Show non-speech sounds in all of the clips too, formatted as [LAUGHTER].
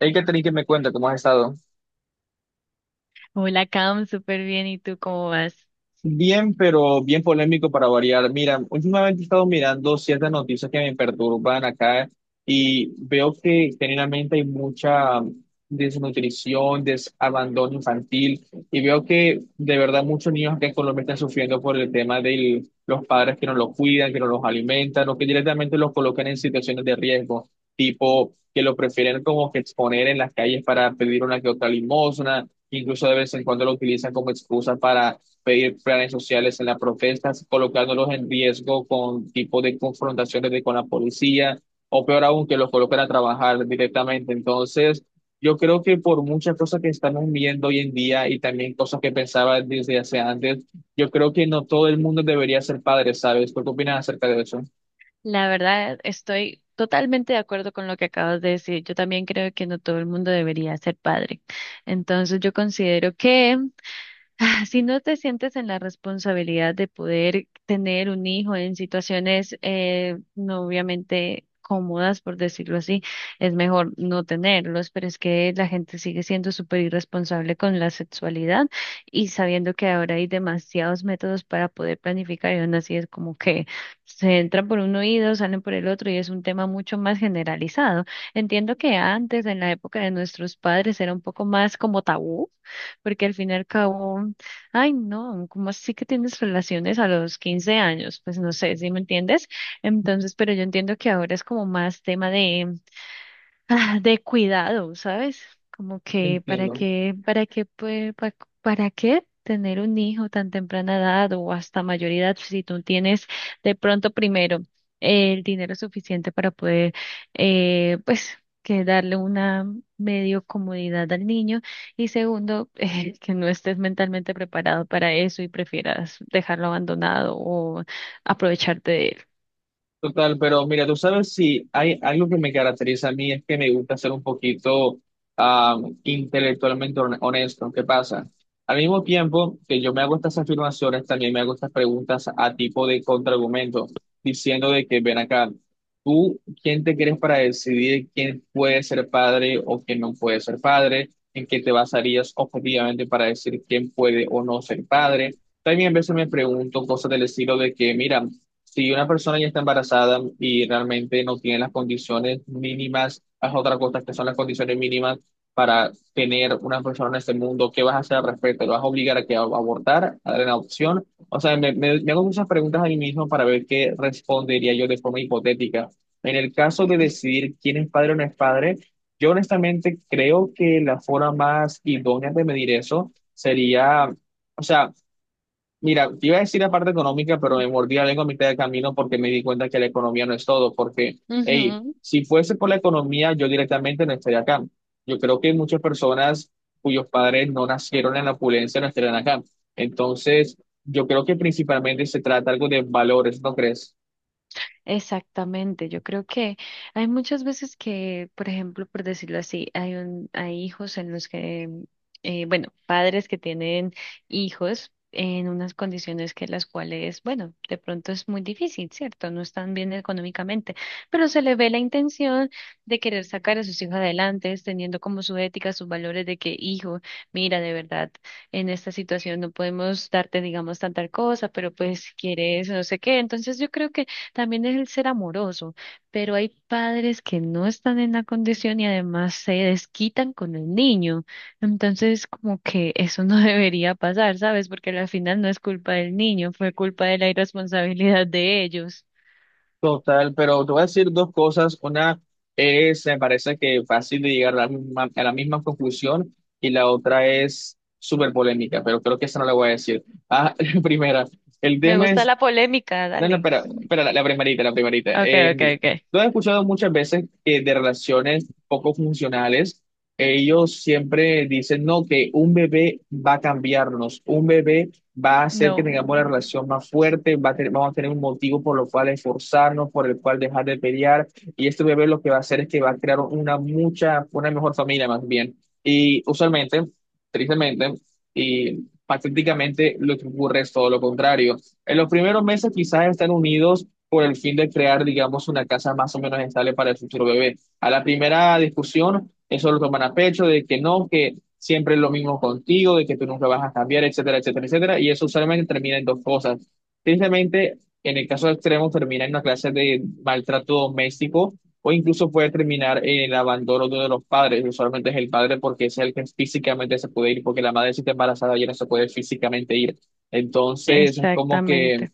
Hey, Catherine, ¿que me cuenta? ¿Cómo has estado? Hola, Cam, súper bien. ¿Y tú cómo vas? Bien, pero bien polémico para variar. Mira, últimamente he estado mirando ciertas noticias que me perturban acá y veo que generalmente hay mucha desnutrición, desabandono infantil y veo que de verdad muchos niños acá en Colombia están sufriendo por el tema de los padres que no los cuidan, que no los alimentan o que directamente los colocan en situaciones de riesgo, tipo que lo prefieren como que exponer en las calles para pedir una que otra limosna, incluso de vez en cuando lo utilizan como excusa para pedir planes sociales en las protestas, colocándolos en riesgo con tipo de con la policía, o peor aún, que los coloquen a trabajar directamente. Entonces, yo creo que por muchas cosas que estamos viendo hoy en día y también cosas que pensaba desde hace antes, yo creo que no todo el mundo debería ser padre, ¿sabes? ¿Tú qué opinas acerca de eso? La verdad, estoy totalmente de acuerdo con lo que acabas de decir. Yo también creo que no todo el mundo debería ser padre. Entonces, yo considero que ah, si no te sientes en la responsabilidad de poder tener un hijo en situaciones no obviamente cómodas, por decirlo así, es mejor no tenerlos, pero es que la gente sigue siendo súper irresponsable con la sexualidad y sabiendo que ahora hay demasiados métodos para poder planificar y aún así es como que se entran por un oído, salen por el otro y es un tema mucho más generalizado. Entiendo que antes, en la época de nuestros padres, era un poco más como tabú porque al fin y al cabo ay, no, ¿cómo así que tienes relaciones a los 15 años? Pues no sé si me entiendes. Entonces, pero yo entiendo que ahora es como más tema de, [LAUGHS] ah, de cuidado, ¿sabes? Como que Entiendo. Para qué, pues, para qué tener un hijo tan temprana edad o hasta mayor edad si tú tienes de pronto primero el dinero suficiente para poder, pues, que darle una medio comodidad al niño y segundo, [LAUGHS] que no estés mentalmente preparado para eso y prefieras dejarlo abandonado o aprovecharte de Total, pero mira, tú sabes si hay algo que me caracteriza a mí es que me gusta ser un poquito ah, intelectualmente honesto. ¿Qué pasa? Al mismo tiempo que yo me hago estas afirmaciones, también me hago estas preguntas a tipo de contraargumento, diciendo de que ven acá, ¿tú quién te crees para decidir quién puede ser padre o quién no puede ser padre? ¿En qué te basarías objetivamente para decir quién puede o no ser padre? También a veces me pregunto cosas del estilo de que, mira, si una persona ya está embarazada y realmente no tiene las condiciones mínimas, haz otra cosa que son las condiciones mínimas para tener una persona en este mundo, ¿qué vas a hacer al respecto? ¿Lo vas a obligar a que a abortar, a dar en adopción? O sea, me hago muchas preguntas a mí mismo para ver qué respondería yo de forma hipotética. En el caso de decidir quién es padre o no es padre, yo honestamente creo que la forma más idónea de medir eso sería... O sea, mira, te iba a decir la parte económica, pero me mordí la lengua a mitad de camino porque me di cuenta que la economía no es todo, porque, hey, él. si fuese por la economía, yo directamente no estaría acá. Yo creo que muchas personas cuyos padres no nacieron en la opulencia no estarían acá. Entonces, yo creo que principalmente se trata algo de valores, ¿no crees? Exactamente, yo creo que hay muchas veces que, por ejemplo, por decirlo así, hay hijos en los que, bueno, padres que tienen hijos en unas condiciones que las cuales, bueno, de pronto es muy difícil, ¿cierto? No están bien económicamente, pero se le ve la intención de querer sacar a sus hijos adelante, teniendo como su ética, sus valores de que, hijo, mira, de verdad, en esta situación no podemos darte, digamos, tanta cosa, pero pues quieres, no sé qué. Entonces yo creo que también es el ser amoroso, pero hay padres que no están en la condición y además se desquitan con el niño. Entonces, como que eso no [LAUGHS] debería pasar, ¿sabes? Porque al final no es culpa del niño, fue culpa de la irresponsabilidad de ellos. Total, pero te voy a decir dos cosas. Una es, me parece que fácil de llegar a la misma conclusión y la otra es súper polémica, pero creo que esa no la voy a decir. Ah, [LAUGHS] primera, el Me tema gusta es la polémica, no, no, dale. Pero la primerita, la primerita. Okay, okay, okay. Lo he escuchado muchas veces que de relaciones poco funcionales, ellos siempre dicen, no, que un bebé va a cambiarnos, un bebé va a hacer que No, tengamos la relación más fuerte, vamos a tener un motivo por lo cual esforzarnos, por el cual dejar de pelear, y este bebé lo que va a hacer es que va a crear una mucha, una mejor familia más bien. Y usualmente, tristemente, y patéticamente, lo que ocurre es todo lo contrario en los primeros meses quizás están unidos por el fin de crear, digamos, una casa más o menos estable para el futuro bebé. A la primera discusión, eso lo toman a pecho, de que no, que siempre es lo mismo contigo, de que tú nunca vas a cambiar, etcétera, etcétera, etcétera. Y eso usualmente termina en dos cosas. Tristemente, en el caso extremo, termina en una clase de maltrato doméstico o incluso puede terminar en el abandono de uno de los padres. Usualmente es el padre porque es el que físicamente se puede ir, porque la madre si está embarazada ya no se puede físicamente ir. Entonces, es como que exactamente.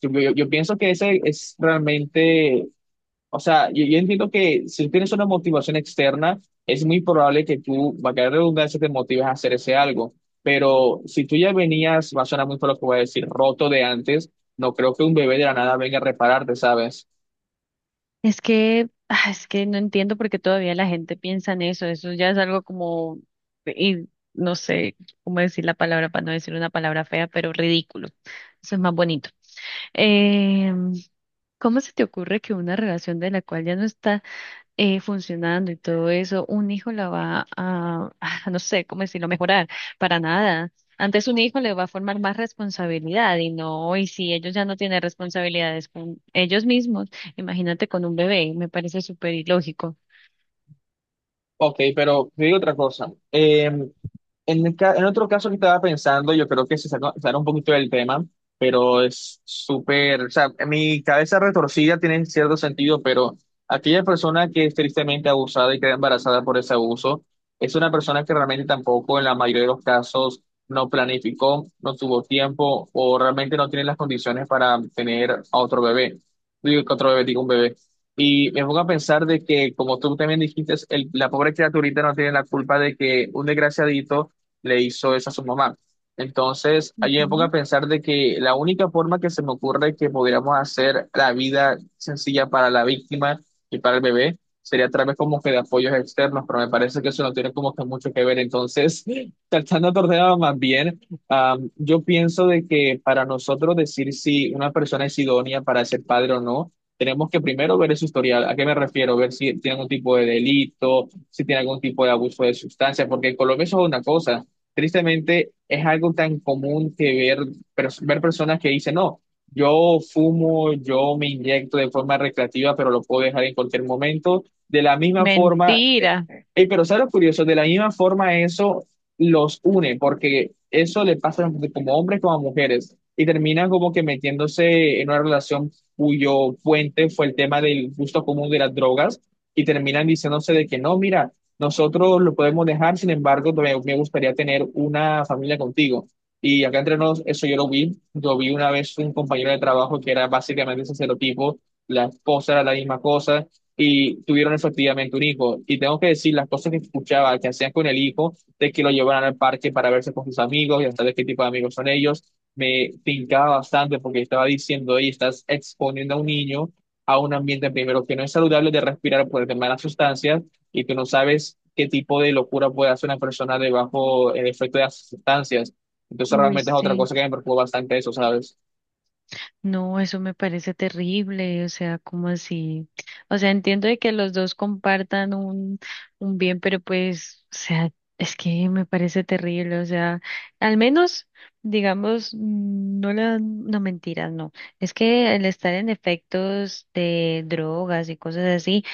yo pienso que ese es realmente, o sea, yo entiendo que si tienes una motivación externa, es muy probable que tú, va a caer redundancia, te motives a hacer ese algo. Pero si tú ya venías, va a sonar muy por lo que voy a decir, roto de antes, no creo que un bebé de la nada venga a repararte, ¿sabes? Es que, ah, es que no entiendo por qué todavía la gente piensa en eso. Eso ya es algo como, y no sé cómo decir la palabra para no decir una palabra fea, pero ridículo. Eso es más bonito. Eh, ¿Cómo se te ocurre que una relación de la cual ya no está funcionando y todo eso, un hijo la va a, [LAUGHS] no sé cómo decirlo, mejorar, para nada. Antes un hijo le va a formar más responsabilidad y no, y si ellos ya no tienen responsabilidades con ellos mismos, imagínate con un bebé, me parece súper ilógico. Ok, pero te digo otra cosa. En otro caso que estaba pensando, yo creo que se saca, sale un poquito del tema, pero es súper, o sea, mi cabeza retorcida tiene cierto sentido, pero aquella persona que es tristemente abusada y queda embarazada por ese abuso, es una persona que realmente tampoco en la mayoría de los casos no planificó, no tuvo tiempo o realmente no tiene las condiciones para tener a otro bebé. Digo que otro bebé, digo un bebé. Y me pongo a pensar de que, como tú también dijiste, la pobre criaturita no tiene la culpa de que un desgraciadito le hizo eso a su mamá. Entonces, allí me pongo a Ujú. pensar de que la única forma que se me ocurre que pudiéramos hacer la vida sencilla para la víctima y para el bebé sería a través como que de apoyos externos, pero me parece que eso no tiene como que mucho que ver. Entonces, [LAUGHS] tratando de ordenar más bien, yo pienso de que para nosotros decir si una persona es idónea para ser padre o no, tenemos que primero ver su historial. ¿A qué me refiero? Ver si tiene algún tipo de delito, si tiene algún tipo de abuso de sustancia, porque en Colombia eso es una cosa. Tristemente, es algo tan común que ver, ver personas que dicen, no, yo fumo, yo me inyecto de forma recreativa, pero lo puedo dejar en cualquier momento. De la misma forma, Mentira. Pero ¿sabes lo curioso? De la misma forma eso los une, porque eso le pasa como hombres como a mujeres, y terminan como que metiéndose en una relación cuyo puente fue el tema del gusto común de las drogas, y terminan diciéndose de que no, mira, nosotros lo podemos dejar, sin embargo, me gustaría tener una familia contigo. Y acá entre nos, eso yo lo vi. Yo vi una vez un compañero de trabajo que era básicamente ese serotipo, la esposa era la misma cosa, y tuvieron efectivamente un hijo. Y tengo que decir, las cosas que escuchaba que hacían con el hijo, de que lo llevaran al parque para verse con sus amigos y hasta de qué tipo de amigos son ellos, me tincaba bastante porque estaba diciendo, oye, estás exponiendo a un niño a un ambiente primero que no es saludable de respirar por el tema de las sustancias y tú no sabes qué tipo de locura puede hacer una persona debajo el efecto de las sustancias. Entonces Uy, realmente es otra sí. cosa que me preocupa bastante eso, ¿sabes? No, eso me parece terrible, o sea, como así? O sea, entiendo de que los dos compartan un bien, pero pues, o sea, es que me parece terrible, o sea, al menos, digamos, mm, no la, no mentiras, no. Es que el estar en efectos de drogas y cosas así,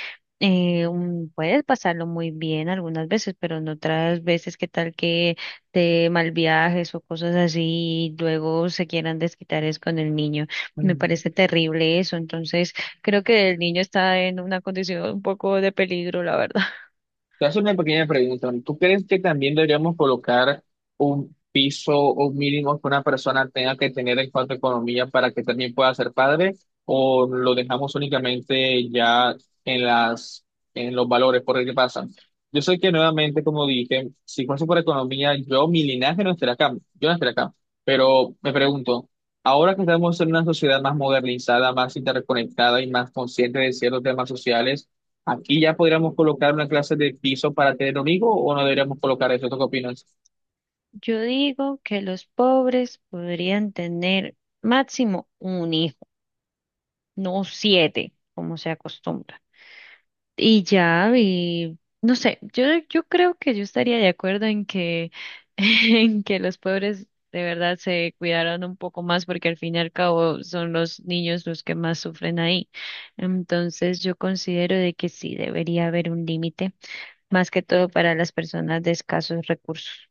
puedes pasarlo muy bien algunas veces, pero en otras veces, ¿qué tal que te mal viajes o cosas así y luego se quieran desquitar es con el niño? Me parece terrible eso. Entonces, creo que el niño está en una condición un poco de peligro, la verdad. [LAUGHS] Te hace una pequeña pregunta. ¿Tú crees que también deberíamos colocar un piso o un mínimo que una persona tenga que tener en cuanto a economía para que también pueda ser padre? ¿O lo dejamos únicamente ya en las, en los valores? Porque ¿qué pasa? Yo sé que nuevamente, como dije, si fuese por economía, yo, mi linaje no estaría acá, yo no estaría acá. Pero me pregunto, ahora que estamos en una sociedad más modernizada, más interconectada y más consciente de ciertos temas sociales, aquí ya podríamos colocar una clase de piso para tener un hijo o no deberíamos colocar eso. ¿Tú qué opinas? Yo digo que los pobres podrían tener máximo un hijo, no 7, como se acostumbra. Y ya, y no sé, yo creo que yo estaría de acuerdo en que, [LAUGHS] en que los pobres de verdad se cuidaron un poco más porque al fin y al cabo son los niños los que más sufren ahí. Entonces yo considero de que sí debería haber un límite, más que todo para las personas de escasos recursos.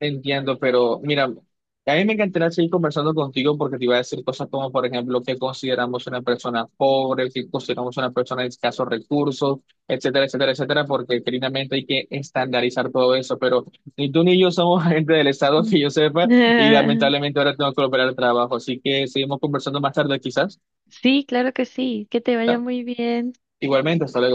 Entiendo, pero mira, a mí me encantaría seguir conversando contigo porque te iba a decir cosas como, por ejemplo, qué consideramos una persona pobre, qué consideramos una persona de escasos recursos, etcétera, etcétera, etcétera, porque finalmente hay que estandarizar todo eso. Pero ni tú ni yo somos [LAUGHS] gente del Estado que yo sepa y Mm. [LAUGHS] lamentablemente ahora tengo que operar el trabajo. Así que seguimos conversando más tarde quizás. Sí, claro que sí, que te vaya muy bien. Igualmente, hasta luego.